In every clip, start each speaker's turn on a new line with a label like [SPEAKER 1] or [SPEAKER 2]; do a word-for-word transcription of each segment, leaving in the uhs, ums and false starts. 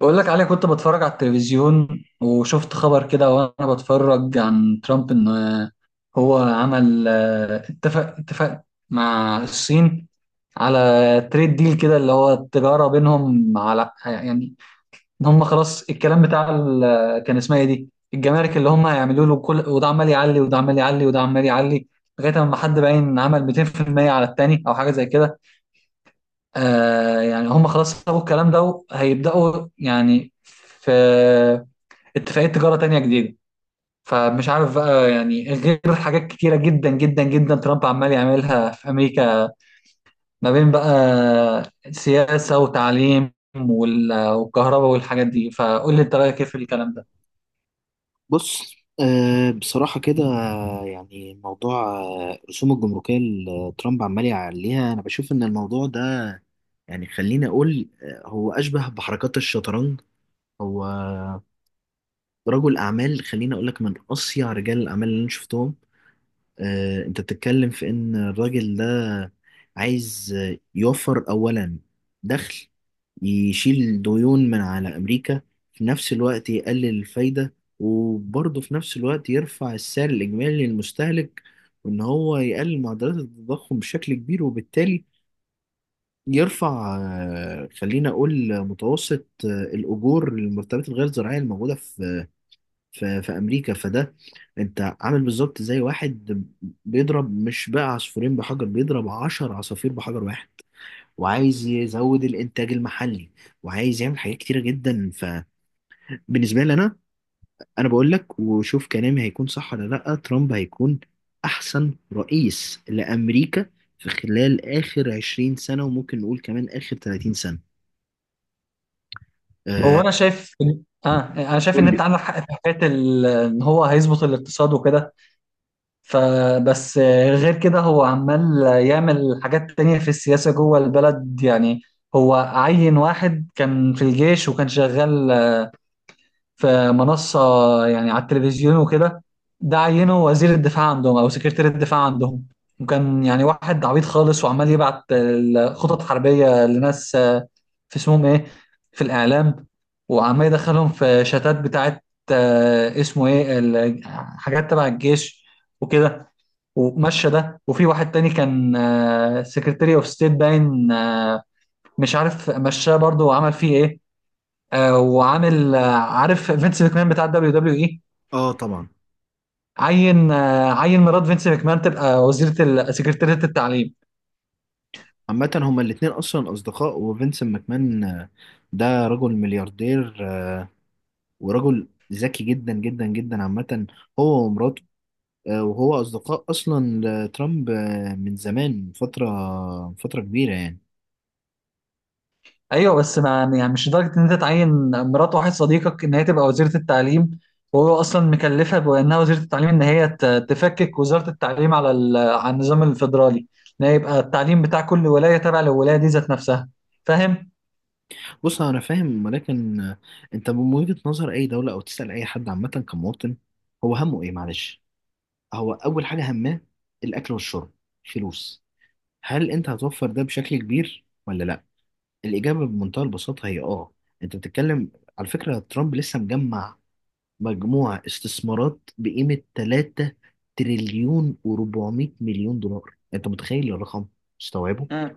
[SPEAKER 1] بقول لك عليه، كنت بتفرج على التلفزيون وشفت خبر كده وانا بتفرج عن ترامب ان هو عمل آه، اتفق اتفق مع الصين على تريد ديل كده اللي هو التجارة بينهم، على يعني ان هم خلاص الكلام بتاع ال- آه، كان اسمها ايه دي، الجمارك اللي هم هيعملوا له، كل وده عمال يعلي وده عمال يعلي وده عمال يعلي لغاية ما حد باين عمل مئتين في المئة على التاني او حاجة زي كده. آه يعني هم خلاص سابوا الكلام ده وهيبدأوا يعني في اتفاقية تجارة تانية جديدة. فمش عارف بقى يعني غير حاجات كتيرة جدا جدا جدا ترامب عمال يعملها في أمريكا، ما بين بقى سياسة وتعليم وال- والكهرباء والحاجات دي. فقول لي انت رأيك ايه في الكلام ده.
[SPEAKER 2] بص آه، بصراحة كده، يعني موضوع آه، الرسوم الجمركية اللي ترامب عمال يعليها، أنا بشوف إن الموضوع ده يعني خليني أقول آه، هو أشبه بحركات الشطرنج. هو رجل أعمال، خليني أقول لك من أصيع رجال الأعمال اللي أنا شفتهم. آه، انت بتتكلم في ان الراجل ده عايز آه، يوفر اولا دخل، يشيل ديون من على امريكا، في نفس الوقت يقلل الفايدة، وبرضه في نفس الوقت يرفع السعر الاجمالي للمستهلك، وان هو يقلل معدلات التضخم بشكل كبير، وبالتالي يرفع آه، خلينا اقول متوسط آه، الاجور للمرتبات الغير زراعية الموجودة في في في امريكا. فده انت عامل بالظبط زي واحد بيضرب، مش بقى عصفورين بحجر، بيضرب عشر عصافير بحجر واحد، وعايز يزود الانتاج المحلي، وعايز يعمل حاجات كتيره جدا. فبالنسبه لي انا انا بقول لك، وشوف كلامي هيكون صح ولا لا، ترامب هيكون احسن رئيس لامريكا في خلال اخر عشرين سنه، وممكن نقول كمان اخر ثلاثين سنه.
[SPEAKER 1] هو
[SPEAKER 2] آه
[SPEAKER 1] انا شايف اه انا شايف ان
[SPEAKER 2] قول
[SPEAKER 1] انت
[SPEAKER 2] لي.
[SPEAKER 1] عندك حق في حكاية ال- ان هو هيظبط الاقتصاد وكده. فبس آه، غير كده هو عمال يعمل حاجات تانية في السياسة جوه البلد. يعني هو عين واحد كان في الجيش وكان شغال في منصة يعني على التلفزيون وكده، ده عينه وزير الدفاع عندهم أو سكرتير الدفاع عندهم، وكان يعني واحد عبيط خالص وعمال يبعت آه، خطط حربية لناس آه، في اسمهم ايه، في الإعلام، وعمال يدخلهم في شتات بتاعت آه، اسمه ايه ال- حاجات تبع الجيش وكده، ومشى ده. وفي واحد تاني كان سكرتيري اوف ستيت باين آه، مش عارف مشاه برضه وعمل فيه ايه. آه، وعامل آه، عارف فينس ماكمان بتاع الدبليو دبليو اي،
[SPEAKER 2] اه طبعا.
[SPEAKER 1] عين آه، عين مرات فينس ماكمان تبقى وزيرة ال- سكرتيرية التعليم.
[SPEAKER 2] عامة هما الاتنين أصلا أصدقاء، وفينسنت ماكمان آه، ده رجل ملياردير، آه، ورجل ذكي جدا جدا جدا. عامة هو ومراته آه، وهو أصدقاء أصلا لترامب آه، من زمان، من فترة من فترة كبيرة يعني.
[SPEAKER 1] ايوه بس ما يعني مش لدرجة ان انت تعين مرات واحد صديقك ان هي تبقى وزيرة التعليم، وهو اصلا مكلفها بانها وزيرة التعليم ان هي ت- تفكك وزارة التعليم على ال- على النظام الفيدرالي، ان هي يبقى التعليم بتاع كل ولاية تابع للولاية دي ذات نفسها. فاهم.
[SPEAKER 2] بص أنا فاهم، ولكن آه، أنت من وجهة نظر أي دولة، أو تسأل أي حد عامة كمواطن، هو همه إيه؟ معلش، هو أول حاجة هماه الأكل والشرب، فلوس. هل أنت هتوفر ده بشكل كبير ولا لأ؟ الإجابة بمنتهى البساطة هي آه أنت بتتكلم، على فكرة ترامب لسه مجمع مجموعة استثمارات بقيمة ثلاثة تريليون و400 مليون دولار. أنت متخيل الرقم؟ مستوعبه
[SPEAKER 1] امم.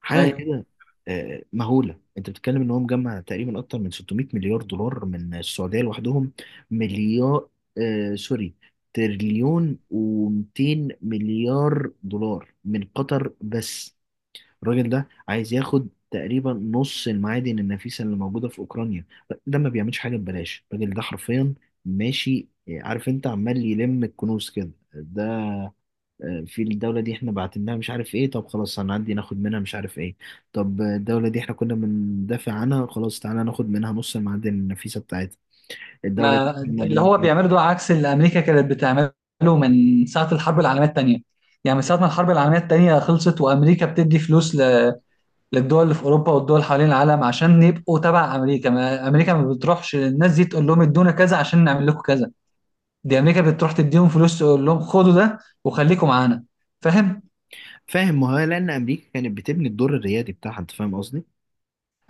[SPEAKER 2] حاجة
[SPEAKER 1] ايوه،
[SPEAKER 2] كده آه، مهولة. أنت بتتكلم إن هو مجمع تقريبا أكتر من ستمئة مليار دولار من السعودية لوحدهم. مليار، آه سوري، تريليون و200 مليار دولار من قطر بس. الراجل ده عايز ياخد تقريبا نص المعادن النفيسة اللي موجودة في أوكرانيا. ده ما بيعملش حاجة ببلاش. الراجل ده حرفيا ماشي، عارف، انت عمال يلم الكنوز كده. ده آه، في الدولة دي احنا بعتناها، مش عارف ايه، طب خلاص هنعدي ناخد منها مش عارف ايه. طب آه، الدولة دي احنا كنا بندافع عنها، خلاص تعالى ناخد منها نص المعادن النفيسة بتاعتها. الدولة
[SPEAKER 1] ما
[SPEAKER 2] دي كنا
[SPEAKER 1] اللي
[SPEAKER 2] بن...
[SPEAKER 1] هو بيعمله ده عكس اللي امريكا كانت بتعمله من ساعه الحرب العالميه الثانيه. يعني من ساعه ما الحرب العالميه الثانيه خلصت وامريكا بتدي فلوس ل- للدول اللي في اوروبا والدول حوالين العالم عشان يبقوا تبع امريكا، ما امريكا ما بتروحش للناس دي تقول لهم ادونا كذا عشان نعمل لكم كذا، دي امريكا بتروح تديهم فلوس تقول لهم خدوا ده وخليكم معانا. فاهم.
[SPEAKER 2] فاهم؟ ما هو لأن أمريكا كانت بتبني الدور الريادي بتاعها. انت فاهم قصدي؟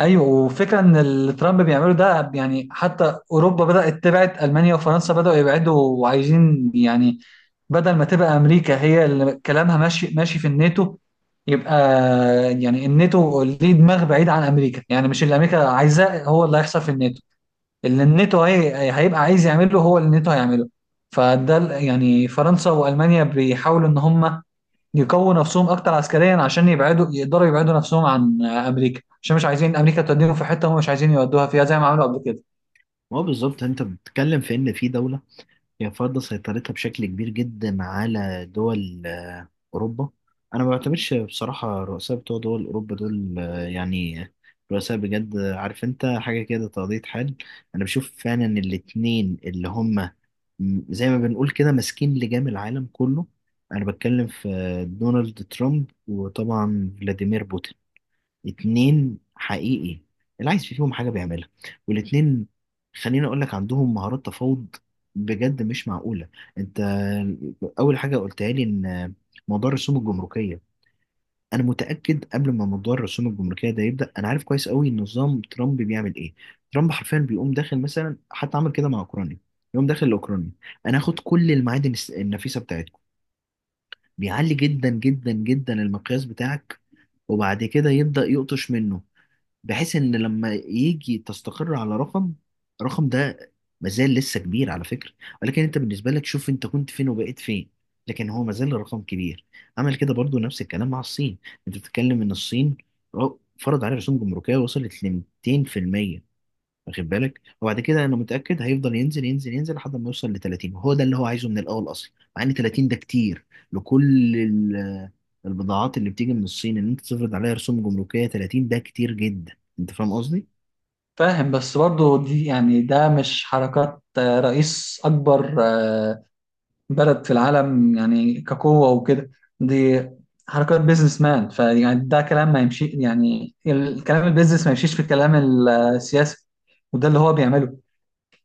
[SPEAKER 1] ايوه، وفكره ان اللي ترامب بيعمله ده يعني حتى اوروبا بدات تبعد، المانيا وفرنسا بداوا يبعدوا وعايزين يعني بدل ما تبقى امريكا هي اللي كلامها ماشي ماشي في الناتو، يبقى يعني الناتو ليه دماغ بعيد عن امريكا، يعني مش اللي امريكا عايزاه هو اللي هيحصل في الناتو، اللي الناتو هي هيبقى عايز يعمله هو اللي الناتو هيعمله. فده ال- يعني فرنسا والمانيا بيحاولوا ان هم يقووا نفسهم اكتر عسكريا عشان يبعدوا، يقدروا يبعدوا نفسهم عن امريكا، عشان مش عايزين امريكا توديهم في حته هم مش عايزين يودوها فيها زي ما عملوا قبل كده.
[SPEAKER 2] ما هو بالظبط، انت بتتكلم في ان في دولة هي فرض سيطرتها بشكل كبير جدا على دول آه، أوروبا. أنا ما بعتمدش بصراحة الرؤساء بتوع دول أوروبا دول آه، يعني رؤساء بجد. آه، عارف أنت حاجة كده، تقضية حال. أنا بشوف فعلا الاتنين اللي هما، م- زي ما بنقول كده، ماسكين لجام العالم كله. أنا بتكلم في آه، دونالد ترامب، وطبعا فلاديمير بوتين. اتنين حقيقي اللي عايز فيهم حاجة بيعملها، والاتنين خليني اقول لك عندهم مهارات تفاوض بجد مش معقولة. انت اول حاجة قلتها لي ان موضوع الرسوم الجمركية، انا متأكد قبل ما موضوع الرسوم الجمركية ده يبدأ، انا عارف كويس قوي نظام ترامب بيعمل ايه. ترامب حرفيا بيقوم داخل، مثلا حتى عمل كده مع اوكرانيا، يقوم داخل لاوكرانيا، انا هاخد كل المعادن الس- النفيسة بتاعتكم. بيعلي جدا جدا جدا المقياس بتاعك، وبعد كده يبدأ يقطش منه، بحيث ان لما يجي تستقر على رقم، الرقم ده مازال لسه كبير على فكرة. ولكن انت بالنسبة لك شوف انت كنت فين وبقيت فين. لكن هو مازال الرقم كبير. عمل كده برضو نفس الكلام مع الصين. انت بتتكلم ان الصين فرض عليها رسوم جمركية وصلت ل مئتين في المية، واخد بالك؟ وبعد كده انا متاكد هيفضل ينزل ينزل ينزل لحد ما يوصل ل ثلاثين، وهو ده اللي هو عايزه من الاول اصلا، مع ان ثلاثين ده كتير لكل ال- البضاعات اللي بتيجي من الصين. ان انت تفرض عليها رسوم جمركيه ثلاثين، ده كتير جدا. انت فاهم قصدي؟
[SPEAKER 1] فاهم. بس برضه دي يعني ده مش حركات آه، رئيس اكبر آه، بلد في العالم يعني كقوه وكده، دي حركات بيزنس مان. فيعني ده كلام ما يمشي، يعني الكلام البيزنس ما يمشيش في الكلام السياسي، وده اللي هو بيعمله.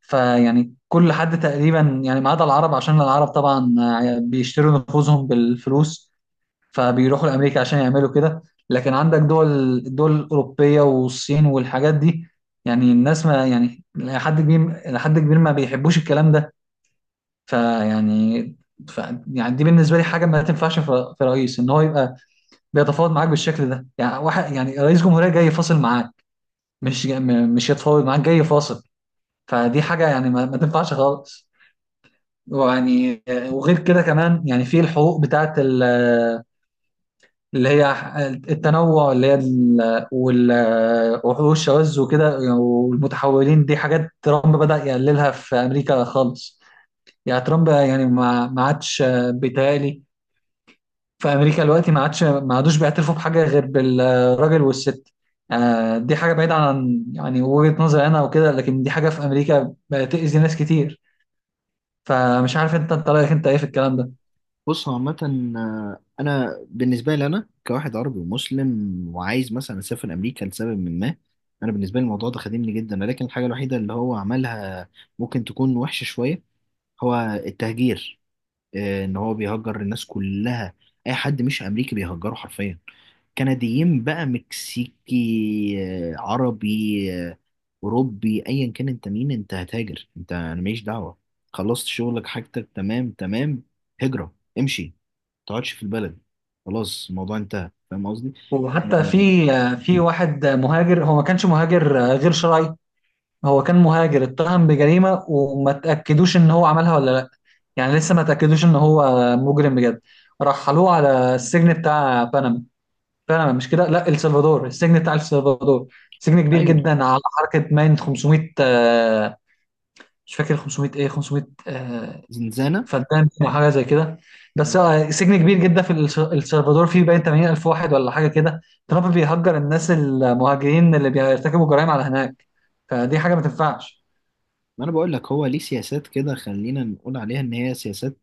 [SPEAKER 1] فيعني كل حد تقريبا يعني ما عدا العرب، عشان العرب طبعا آه، بيشتروا نفوذهم بالفلوس فبيروحوا لامريكا عشان يعملوا كده، لكن عندك دول، الدول الاوروبيه والصين والحاجات دي، يعني الناس ما يعني لحد كبير لحد كبير ما بيحبوش الكلام ده. فيعني ف يعني دي بالنسبه لي حاجه ما تنفعش، في في رئيس ان هو يبقى بيتفاوض معاك بالشكل ده، يعني واحد يعني رئيس جمهوريه جاي يفاصل معاك، مش جا- م- مش يتفاوض معاك جاي يفاصل. فدي حاجه يعني ما, ما تنفعش خالص. ويعني وغير كده كمان يعني في الحقوق بتاعت اللي هي التنوع، اللي هي ال- وال- وحوش الشواذ وكده والمتحولين، دي حاجات ترامب بدأ يقللها في أمريكا خالص. يعني ترامب يعني ما ما عادش، بيتهيألي في أمريكا دلوقتي ما عادش ما عادوش بيعترفوا بحاجة غير بالراجل والست. آه، دي حاجة بعيدة عن يعني وجهة نظري أنا وكده، لكن دي حاجة في أمريكا بتأذي ناس كتير. فمش عارف أنت أنت رأيك أنت إيه في الكلام ده.
[SPEAKER 2] بص هو عامه آه، انا بالنسبه لي، انا كواحد عربي ومسلم وعايز مثلا اسافر امريكا لسبب من ما، انا بالنسبه لي الموضوع ده خادمني جدا. لكن الحاجه الوحيده اللي هو عملها ممكن تكون وحشه شويه، هو التهجير. آه، ان هو بيهجر الناس كلها. اي حد مش امريكي بيهجره حرفيا، كنديين بقى، مكسيكي، آه، عربي، آه، اوروبي، ايا كان انت مين انت هتهاجر. انت انا ماليش دعوه، خلصت شغلك، حاجتك تمام تمام، هجره امشي، ما تقعدش في البلد، خلاص الموضوع انتهى. فاهم قصدي؟
[SPEAKER 1] وحتى في
[SPEAKER 2] آه،
[SPEAKER 1] في واحد مهاجر هو ما كانش مهاجر غير شرعي، هو كان مهاجر اتهم بجريمة وما تأكدوش ان هو عملها ولا لا، يعني لسه ما تأكدوش ان هو مجرم بجد، رحلوه على السجن بتاع بنما. بنما مش كده، لا، السلفادور، السجن بتاع السلفادور، سجن كبير
[SPEAKER 2] ايوه.
[SPEAKER 1] جدا على حركة ماين خمسمية آه، مش فاكر خمسمية ايه، خمسمئة آه،
[SPEAKER 2] زنزانه.
[SPEAKER 1] فدان او حاجة زي كده. بس
[SPEAKER 2] مم.
[SPEAKER 1] آه، سجن كبير جدا في الس- السلفادور فيه باين تمانين الف واحد ولا حاجة كده. ترامب بيهجر الناس المهاجرين اللي بيرتكبوا جرائم على هناك، فدي حاجة ما تنفعش.
[SPEAKER 2] ما انا بقول لك هو ليه سياسات، كده خلينا نقول عليها ان هي سياسات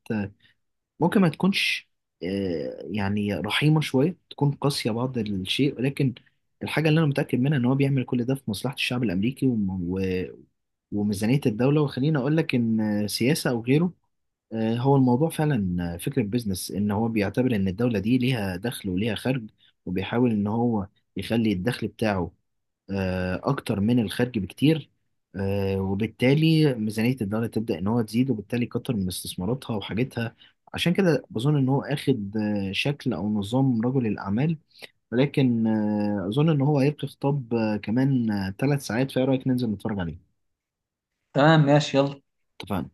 [SPEAKER 2] ممكن ما تكونش آه، يعني رحيمة شوية، تكون قاسية بعض الشيء، ولكن الحاجة اللي أنا متأكد منها إن هو بيعمل كل ده في مصلحة الشعب الأمريكي، وم- و- وميزانية الدولة. وخليني أقول لك إن سياسة أو غيره، آه، هو الموضوع فعلا فكرة بيزنس. إن هو بيعتبر إن الدولة دي ليها دخل وليها خرج، وبيحاول إن هو يخلي الدخل بتاعه آه، اكتر من الخارج بكتير، آه، وبالتالي ميزانية الدولة تبدأ ان هو تزيد، وبالتالي كتر من استثماراتها وحاجتها. عشان كده بظن ان هو اخد آه، شكل او نظام رجل الاعمال. ولكن آه، اظن ان هو هيبقى خطاب آه، كمان ثلاث ساعات، فايه رأيك ننزل نتفرج عليه؟
[SPEAKER 1] تمام ماشي يلا.
[SPEAKER 2] اتفقنا.